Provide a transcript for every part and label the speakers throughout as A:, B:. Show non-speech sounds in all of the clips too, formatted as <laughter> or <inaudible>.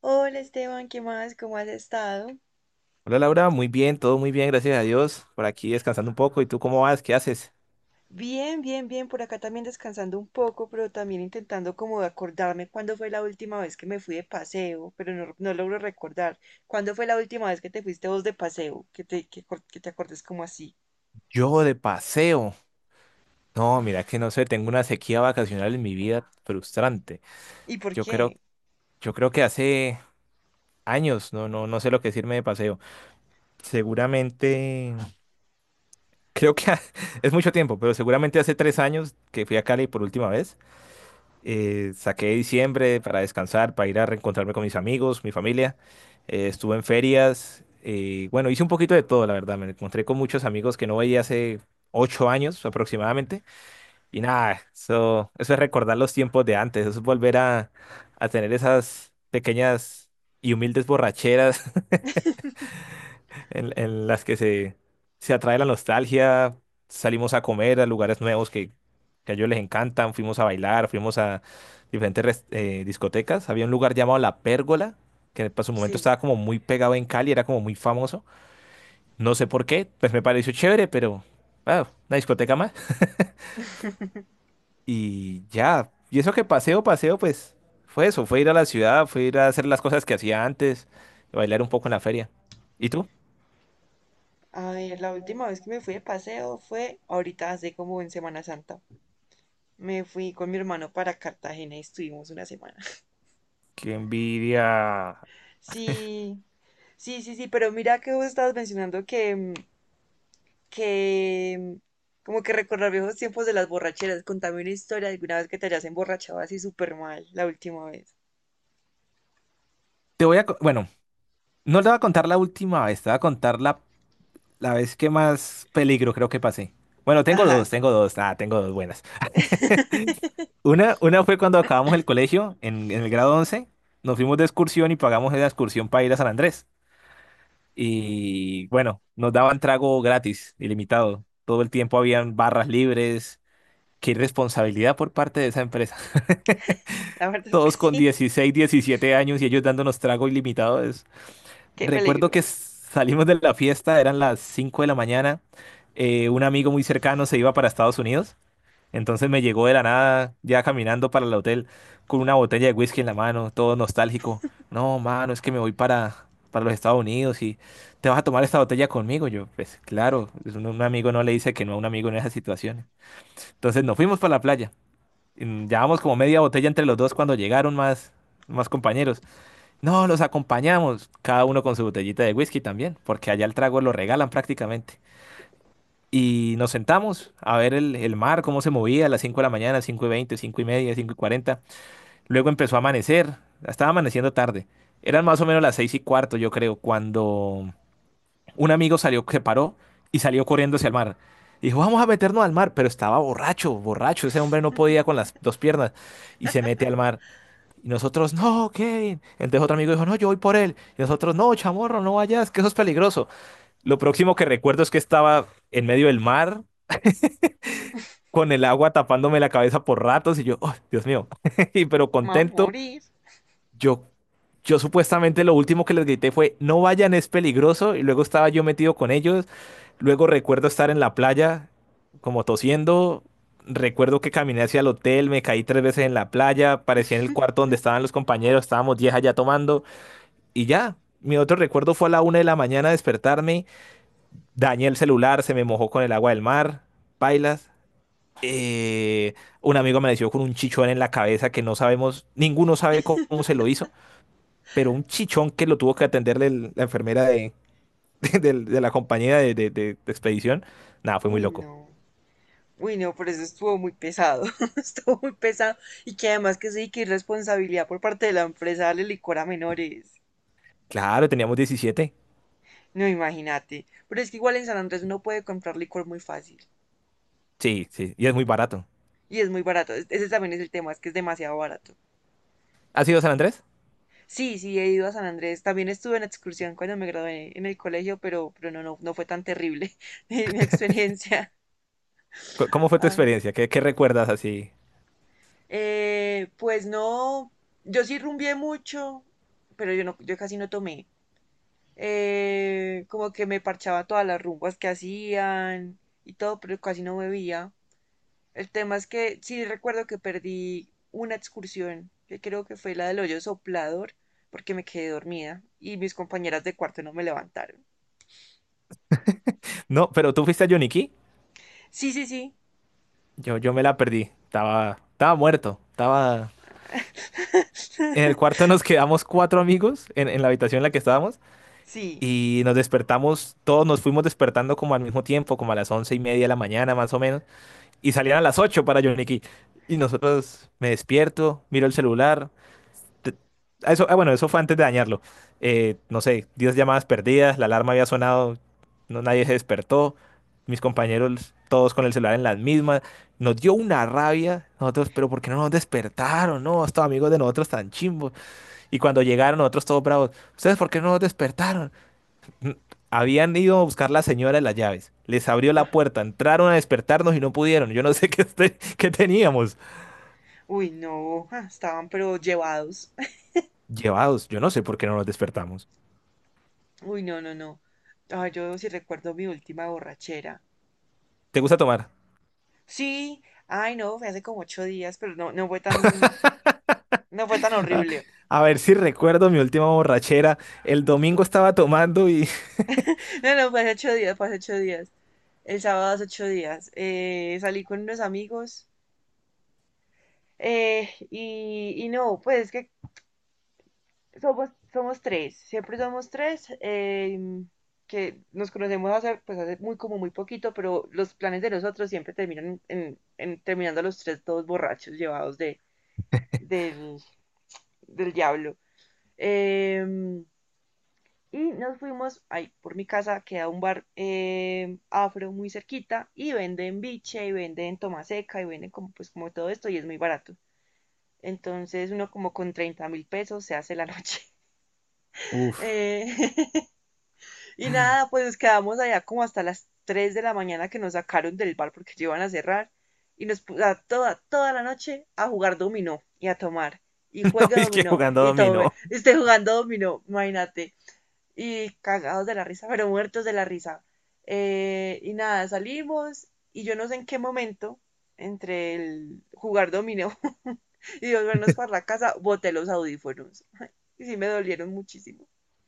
A: Hola Esteban, ¿qué más? ¿Cómo has estado?
B: Hola Laura, muy bien, todo muy bien, gracias a Dios. Por aquí descansando un poco. ¿Y tú cómo vas? ¿Qué haces?
A: Bien, bien, bien, por acá también descansando un poco, pero también intentando como acordarme cuándo fue la última vez que me fui de paseo, pero no, no logro recordar. ¿Cuándo fue la última vez que te fuiste vos de paseo? Que te acordes como así.
B: Yo de paseo. No, mira que no sé, tengo una sequía vacacional en mi vida frustrante.
A: ¿Y por
B: Yo creo,
A: qué?
B: yo creo que hace años, no, no, no sé lo que decirme de paseo. Seguramente, creo que <laughs> es mucho tiempo, pero seguramente hace 3 años que fui a Cali por última vez. Saqué diciembre para descansar, para ir a reencontrarme con mis amigos, mi familia. Estuve en ferias. Bueno, hice un poquito de todo, la verdad. Me encontré con muchos amigos que no veía hace 8 años aproximadamente. Y nada, eso es recordar los tiempos de antes. Eso es volver a tener esas pequeñas y humildes borracheras en las que se atrae la nostalgia, salimos a comer a lugares nuevos que a ellos les encantan, fuimos a bailar, fuimos a diferentes discotecas. Había un lugar llamado La Pérgola, que para su momento
A: Sí.
B: estaba como muy pegado en Cali, era como muy famoso. No sé por qué, pues me pareció chévere, pero una discoteca más. Y ya, y eso que paseo, paseo, pues fue eso, fue ir a la ciudad, fue ir a hacer las cosas que hacía antes, bailar un poco en la feria. ¿Y tú?
A: A ver, la última vez que me fui de paseo fue ahorita, hace como en Semana Santa. Me fui con mi hermano para Cartagena y estuvimos una semana. <laughs>
B: Qué envidia.
A: Sí, sí, sí, sí, pero mira que vos estabas mencionando que como que recordar viejos tiempos de las borracheras. Contame una historia de alguna vez que te hayas emborrachado así súper mal la última vez.
B: Te voy a... co- Bueno, no le voy a contar la última vez, te voy a contar la vez que más peligro creo que pasé. Bueno, tengo
A: Ajá,
B: dos, tengo dos, ah, tengo dos buenas. <laughs> Una fue cuando acabamos el colegio, en el grado 11, nos fuimos de excursión y pagamos la excursión para ir a San Andrés. Y bueno, nos daban trago gratis, ilimitado. Todo el tiempo habían barras libres. Qué irresponsabilidad por parte de esa empresa. <laughs>
A: la verdad es que
B: Todos con
A: sí.
B: 16, 17 años y ellos dándonos trago ilimitado.
A: <laughs> Qué
B: Recuerdo
A: peligro.
B: que salimos de la fiesta, eran las 5 de la mañana. Un amigo muy cercano se iba para Estados Unidos. Entonces me llegó de la nada, ya caminando para el hotel, con una botella de whisky en la mano, todo nostálgico. No, mano, es que me voy para los Estados Unidos y te vas a tomar esta botella conmigo. Yo, pues claro, es un amigo no le dice que no a un amigo en esas situaciones. Entonces nos fuimos para la playa. Llevamos como media botella entre los dos cuando llegaron más compañeros. No, los acompañamos, cada uno con su botellita de whisky también, porque allá el trago lo regalan prácticamente. Y nos sentamos a ver el mar, cómo se movía a las 5 de la mañana, 5:20, 5:30, 5:40. Luego empezó a amanecer, estaba amaneciendo tarde. Eran más o menos las 6:15, yo creo, cuando un amigo salió, se paró y salió corriendo hacia el mar. Dijo, vamos a meternos al mar, pero estaba borracho, borracho. Ese hombre no podía con las dos piernas y se mete al mar. Y nosotros, no, Kevin. Entonces otro amigo dijo, no, yo voy por él. Y nosotros, no, chamorro, no vayas, que eso es peligroso. Lo próximo que recuerdo es que estaba en medio del mar, con el agua tapándome la cabeza por ratos, y yo, oh, Dios mío. <laughs> Y pero
A: Me voy a
B: contento,
A: morir.
B: yo, yo supuestamente lo último que les grité fue, no vayan, es peligroso. Y luego estaba yo metido con ellos. Luego recuerdo estar en la playa, como tosiendo. Recuerdo que caminé hacia el hotel, me caí tres veces en la playa, parecía en el cuarto donde estaban los compañeros, estábamos 10 allá tomando. Y ya, mi otro recuerdo fue a la 1 de la mañana despertarme, dañé el celular, se me mojó con el agua del mar, pailas. Eh, un amigo amaneció con un chichón en la cabeza que no sabemos, ninguno sabe cómo se lo hizo, pero un chichón que lo tuvo que atender la enfermera <laughs> de la compañía de expedición. Nada, fue muy
A: Uy,
B: loco.
A: no. Uy, no, por eso estuvo muy pesado. <laughs> Estuvo muy pesado. Y que además que sí, que irresponsabilidad por parte de la empresa darle licor a menores.
B: Claro, teníamos 17.
A: No, imagínate. Pero es que igual en San Andrés uno puede comprar licor muy fácil.
B: Sí, sí, y es muy barato.
A: Y es muy barato. Ese también es el tema, es que es demasiado barato.
B: ¿Has ido a San Andrés?
A: Sí, sí, he ido a San Andrés. También estuve en excursión cuando me gradué en el colegio, pero no, no, no fue tan terrible <laughs> mi experiencia. <laughs>
B: ¿Cómo fue tu
A: Ah,
B: experiencia? ¿Qué recuerdas así?
A: pues no, yo sí rumbié mucho, pero yo no, yo casi no tomé. Como que me parchaba todas las rumbas que hacían y todo, pero casi no bebía. El tema es que sí recuerdo que perdí una excursión, que creo que fue la del hoyo soplador, porque me quedé dormida y mis compañeras de cuarto no me levantaron.
B: No, pero tú fuiste a Yoniquí.
A: Sí, sí, sí.
B: Yo me la perdí. Estaba muerto. Estaba. En el
A: <laughs>
B: cuarto nos quedamos cuatro amigos en la habitación en la que estábamos
A: Sí.
B: y nos despertamos, todos nos fuimos despertando como al mismo tiempo, como a las 11:30 de la mañana más o menos, y salían a las 8 para Johnny Key. Y nosotros me despierto, miro el celular, te- bueno, eso fue antes de dañarlo. No sé, 10 llamadas perdidas, la alarma había sonado, no, nadie se despertó, mis compañeros todos con el celular en las mismas, nos dio una rabia, nosotros, pero ¿por qué no nos despertaron? No, estos amigos de nosotros tan chimbos. Y cuando llegaron nosotros todos bravos, ¿ustedes por qué no nos despertaron? Mm, Habían ido a buscar la señora de las llaves, les abrió la
A: Ajá.
B: puerta, entraron a despertarnos y no pudieron, yo no sé <laughs> qué, qué teníamos.
A: Uy, no. Estaban pero llevados. <laughs>
B: Llevados, yo no sé por qué no nos despertamos.
A: Uy, no, no, no. Ay, yo sí recuerdo mi última borrachera.
B: ¿Te gusta tomar?
A: Sí. Ay, no, fue hace como 8 días, pero no, no fue tan horrible. <laughs>
B: A ver si recuerdo mi última borrachera. El domingo estaba tomando y...
A: No, no, fue hace 8 días, fue hace 8 días. El sábado hace 8 días. Salí con unos amigos. Y no, pues es que somos tres, siempre somos tres, que nos conocemos pues hace muy como muy poquito, pero los planes de nosotros siempre terminan en, terminando los tres todos borrachos, llevados del, del diablo. Eh, y nos fuimos, ahí por mi casa queda un bar afro muy cerquita y venden biche y venden tomaseca y venden como, pues, como todo esto y es muy barato. Entonces uno como con 30.000 pesos se hace la noche.
B: <laughs>
A: <laughs>
B: Uf,
A: Eh, Y nada, pues nos quedamos allá como hasta las 3 de la mañana que nos sacaron del bar porque ya iban a cerrar. Y nos puso a toda la noche a jugar dominó y a tomar. Y
B: <laughs> no,
A: juegue
B: es que
A: dominó
B: jugando
A: y tome.
B: dominó.
A: Esté jugando dominó, imagínate. Y cagados de la risa, pero muertos de la risa. Y nada, salimos y yo no sé en qué momento, entre el jugar dominó <laughs> y volvernos para la casa, boté los audífonos. Y sí me dolieron muchísimo.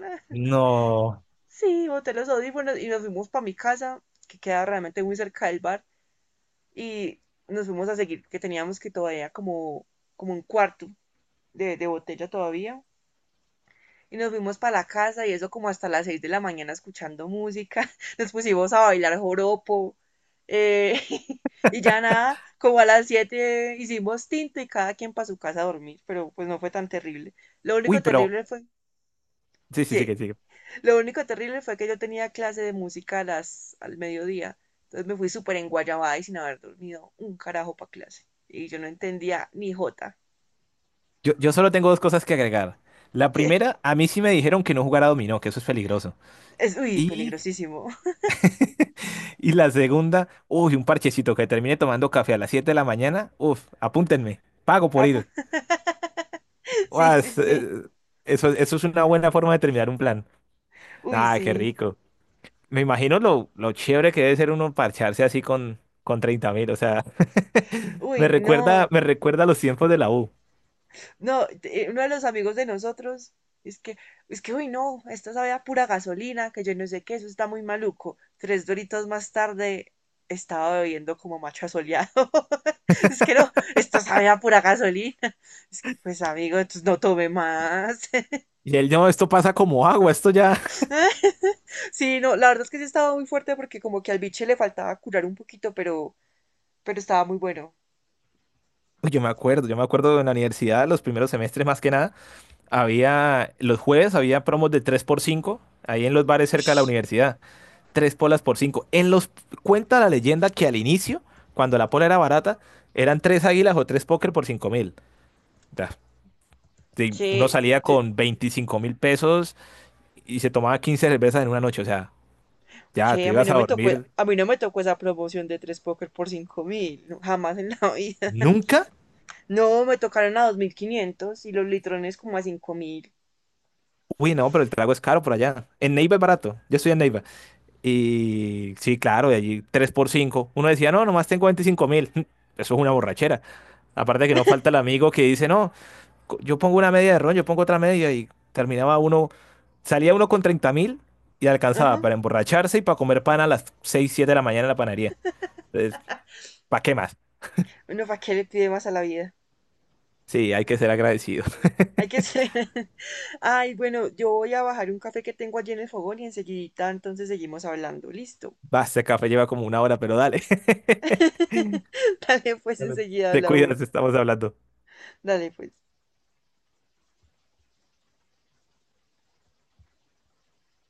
A: Ah.
B: No.
A: Sí, boté los audífonos y nos fuimos para mi casa, que queda realmente muy cerca del bar, y nos fuimos a seguir, que teníamos que todavía como un cuarto de botella todavía. Y nos fuimos para la casa y eso como hasta las 6 de la mañana escuchando música. <laughs> Nos pusimos a bailar joropo. eh, <laughs> y ya nada, como a las 7 hicimos tinto y cada quien para su casa a dormir, pero pues no fue tan terrible. Lo
B: Uy,
A: único
B: pero...
A: terrible fue
B: Sí, sí, sí,
A: que
B: que sigue.
A: Lo único terrible fue que yo tenía clase de música al mediodía. Entonces me fui súper enguayabada y sin haber dormido un carajo para clase. Y yo no entendía ni jota. <laughs>
B: Yo solo tengo dos cosas que agregar. La
A: Que
B: primera, a mí sí me dijeron que no jugara dominó, que eso es peligroso.
A: es, uy,
B: Y,
A: peligrosísimo. <laughs>
B: y la segunda, uy, un parchecito que termine tomando café a las 7 de la mañana. Uf, apúntenme. Pago por
A: Ah, pues,
B: ir.
A: sí, sí,
B: Uas,
A: sí.
B: eso es una buena forma de terminar un plan.
A: Uy,
B: Ah, qué
A: sí.
B: rico. Me imagino lo chévere que debe ser uno parcharse así con 30.000, o sea, <laughs>
A: Uy,
B: me recuerda,
A: no.
B: me recuerda a los tiempos de la U.
A: No, uno de los amigos de nosotros es que, es que, uy, no, esto sabe a pura gasolina, que yo no sé qué, eso está muy maluco. Tres doritos más tarde estaba bebiendo como macho asoleado. <laughs> Es que no, esto sabe a pura gasolina. Es que, pues, amigo, entonces no tome más.
B: Y él, no, esto pasa como agua, esto ya...
A: <laughs> Sí, no, la verdad es que sí estaba muy fuerte porque como que al biche le faltaba curar un poquito, pero estaba muy bueno.
B: <laughs> Uy, Yo me acuerdo en la universidad, los primeros semestres más que nada, los jueves había promos de 3 por 5 ahí en los bares cerca de la
A: Ush,
B: universidad, 3 polas por 5. Cuenta la leyenda que al inicio, cuando la pola era barata, eran 3 águilas o 3 póker por 5.000. Ya, sí. Uno
A: que,
B: salía con 25.000 pesos y se tomaba 15 cervezas en una noche, o sea, ya
A: que
B: te
A: a mí
B: ibas
A: no
B: a
A: me tocó,
B: dormir
A: a mí no me tocó esa promoción de tres póker por 5.000, no, jamás en la vida. <laughs>
B: nunca.
A: No, me tocaron a 2.500 y los litrones como a 5.000.
B: Uy, no, pero el trago es caro por allá. En Neiva es barato. Yo estoy en Neiva. Y sí, claro, de allí 3 por cinco. Uno decía, no, nomás tengo 25.000. <laughs> Eso es una borrachera. Aparte que no falta el amigo que dice, no, yo pongo una media de ron, yo pongo otra media y salía uno con 30.000 y alcanzaba
A: Ajá.
B: para emborracharse y para comer pan a las 6 7 de la mañana en la panadería. Entonces, ¿para qué más?
A: Bueno, ¿para qué le pide más a la vida?
B: Sí, hay que ser agradecido.
A: Hay que ser. <laughs> Ay, bueno, yo voy a bajar un café que tengo allí en el fogón y enseguidita entonces seguimos hablando. Listo.
B: Va, ese café lleva como una hora, pero dale. <laughs>
A: <laughs> Dale, pues
B: Dale,
A: enseguida
B: te cuidas,
A: hablamos.
B: estamos hablando.
A: Dale, pues.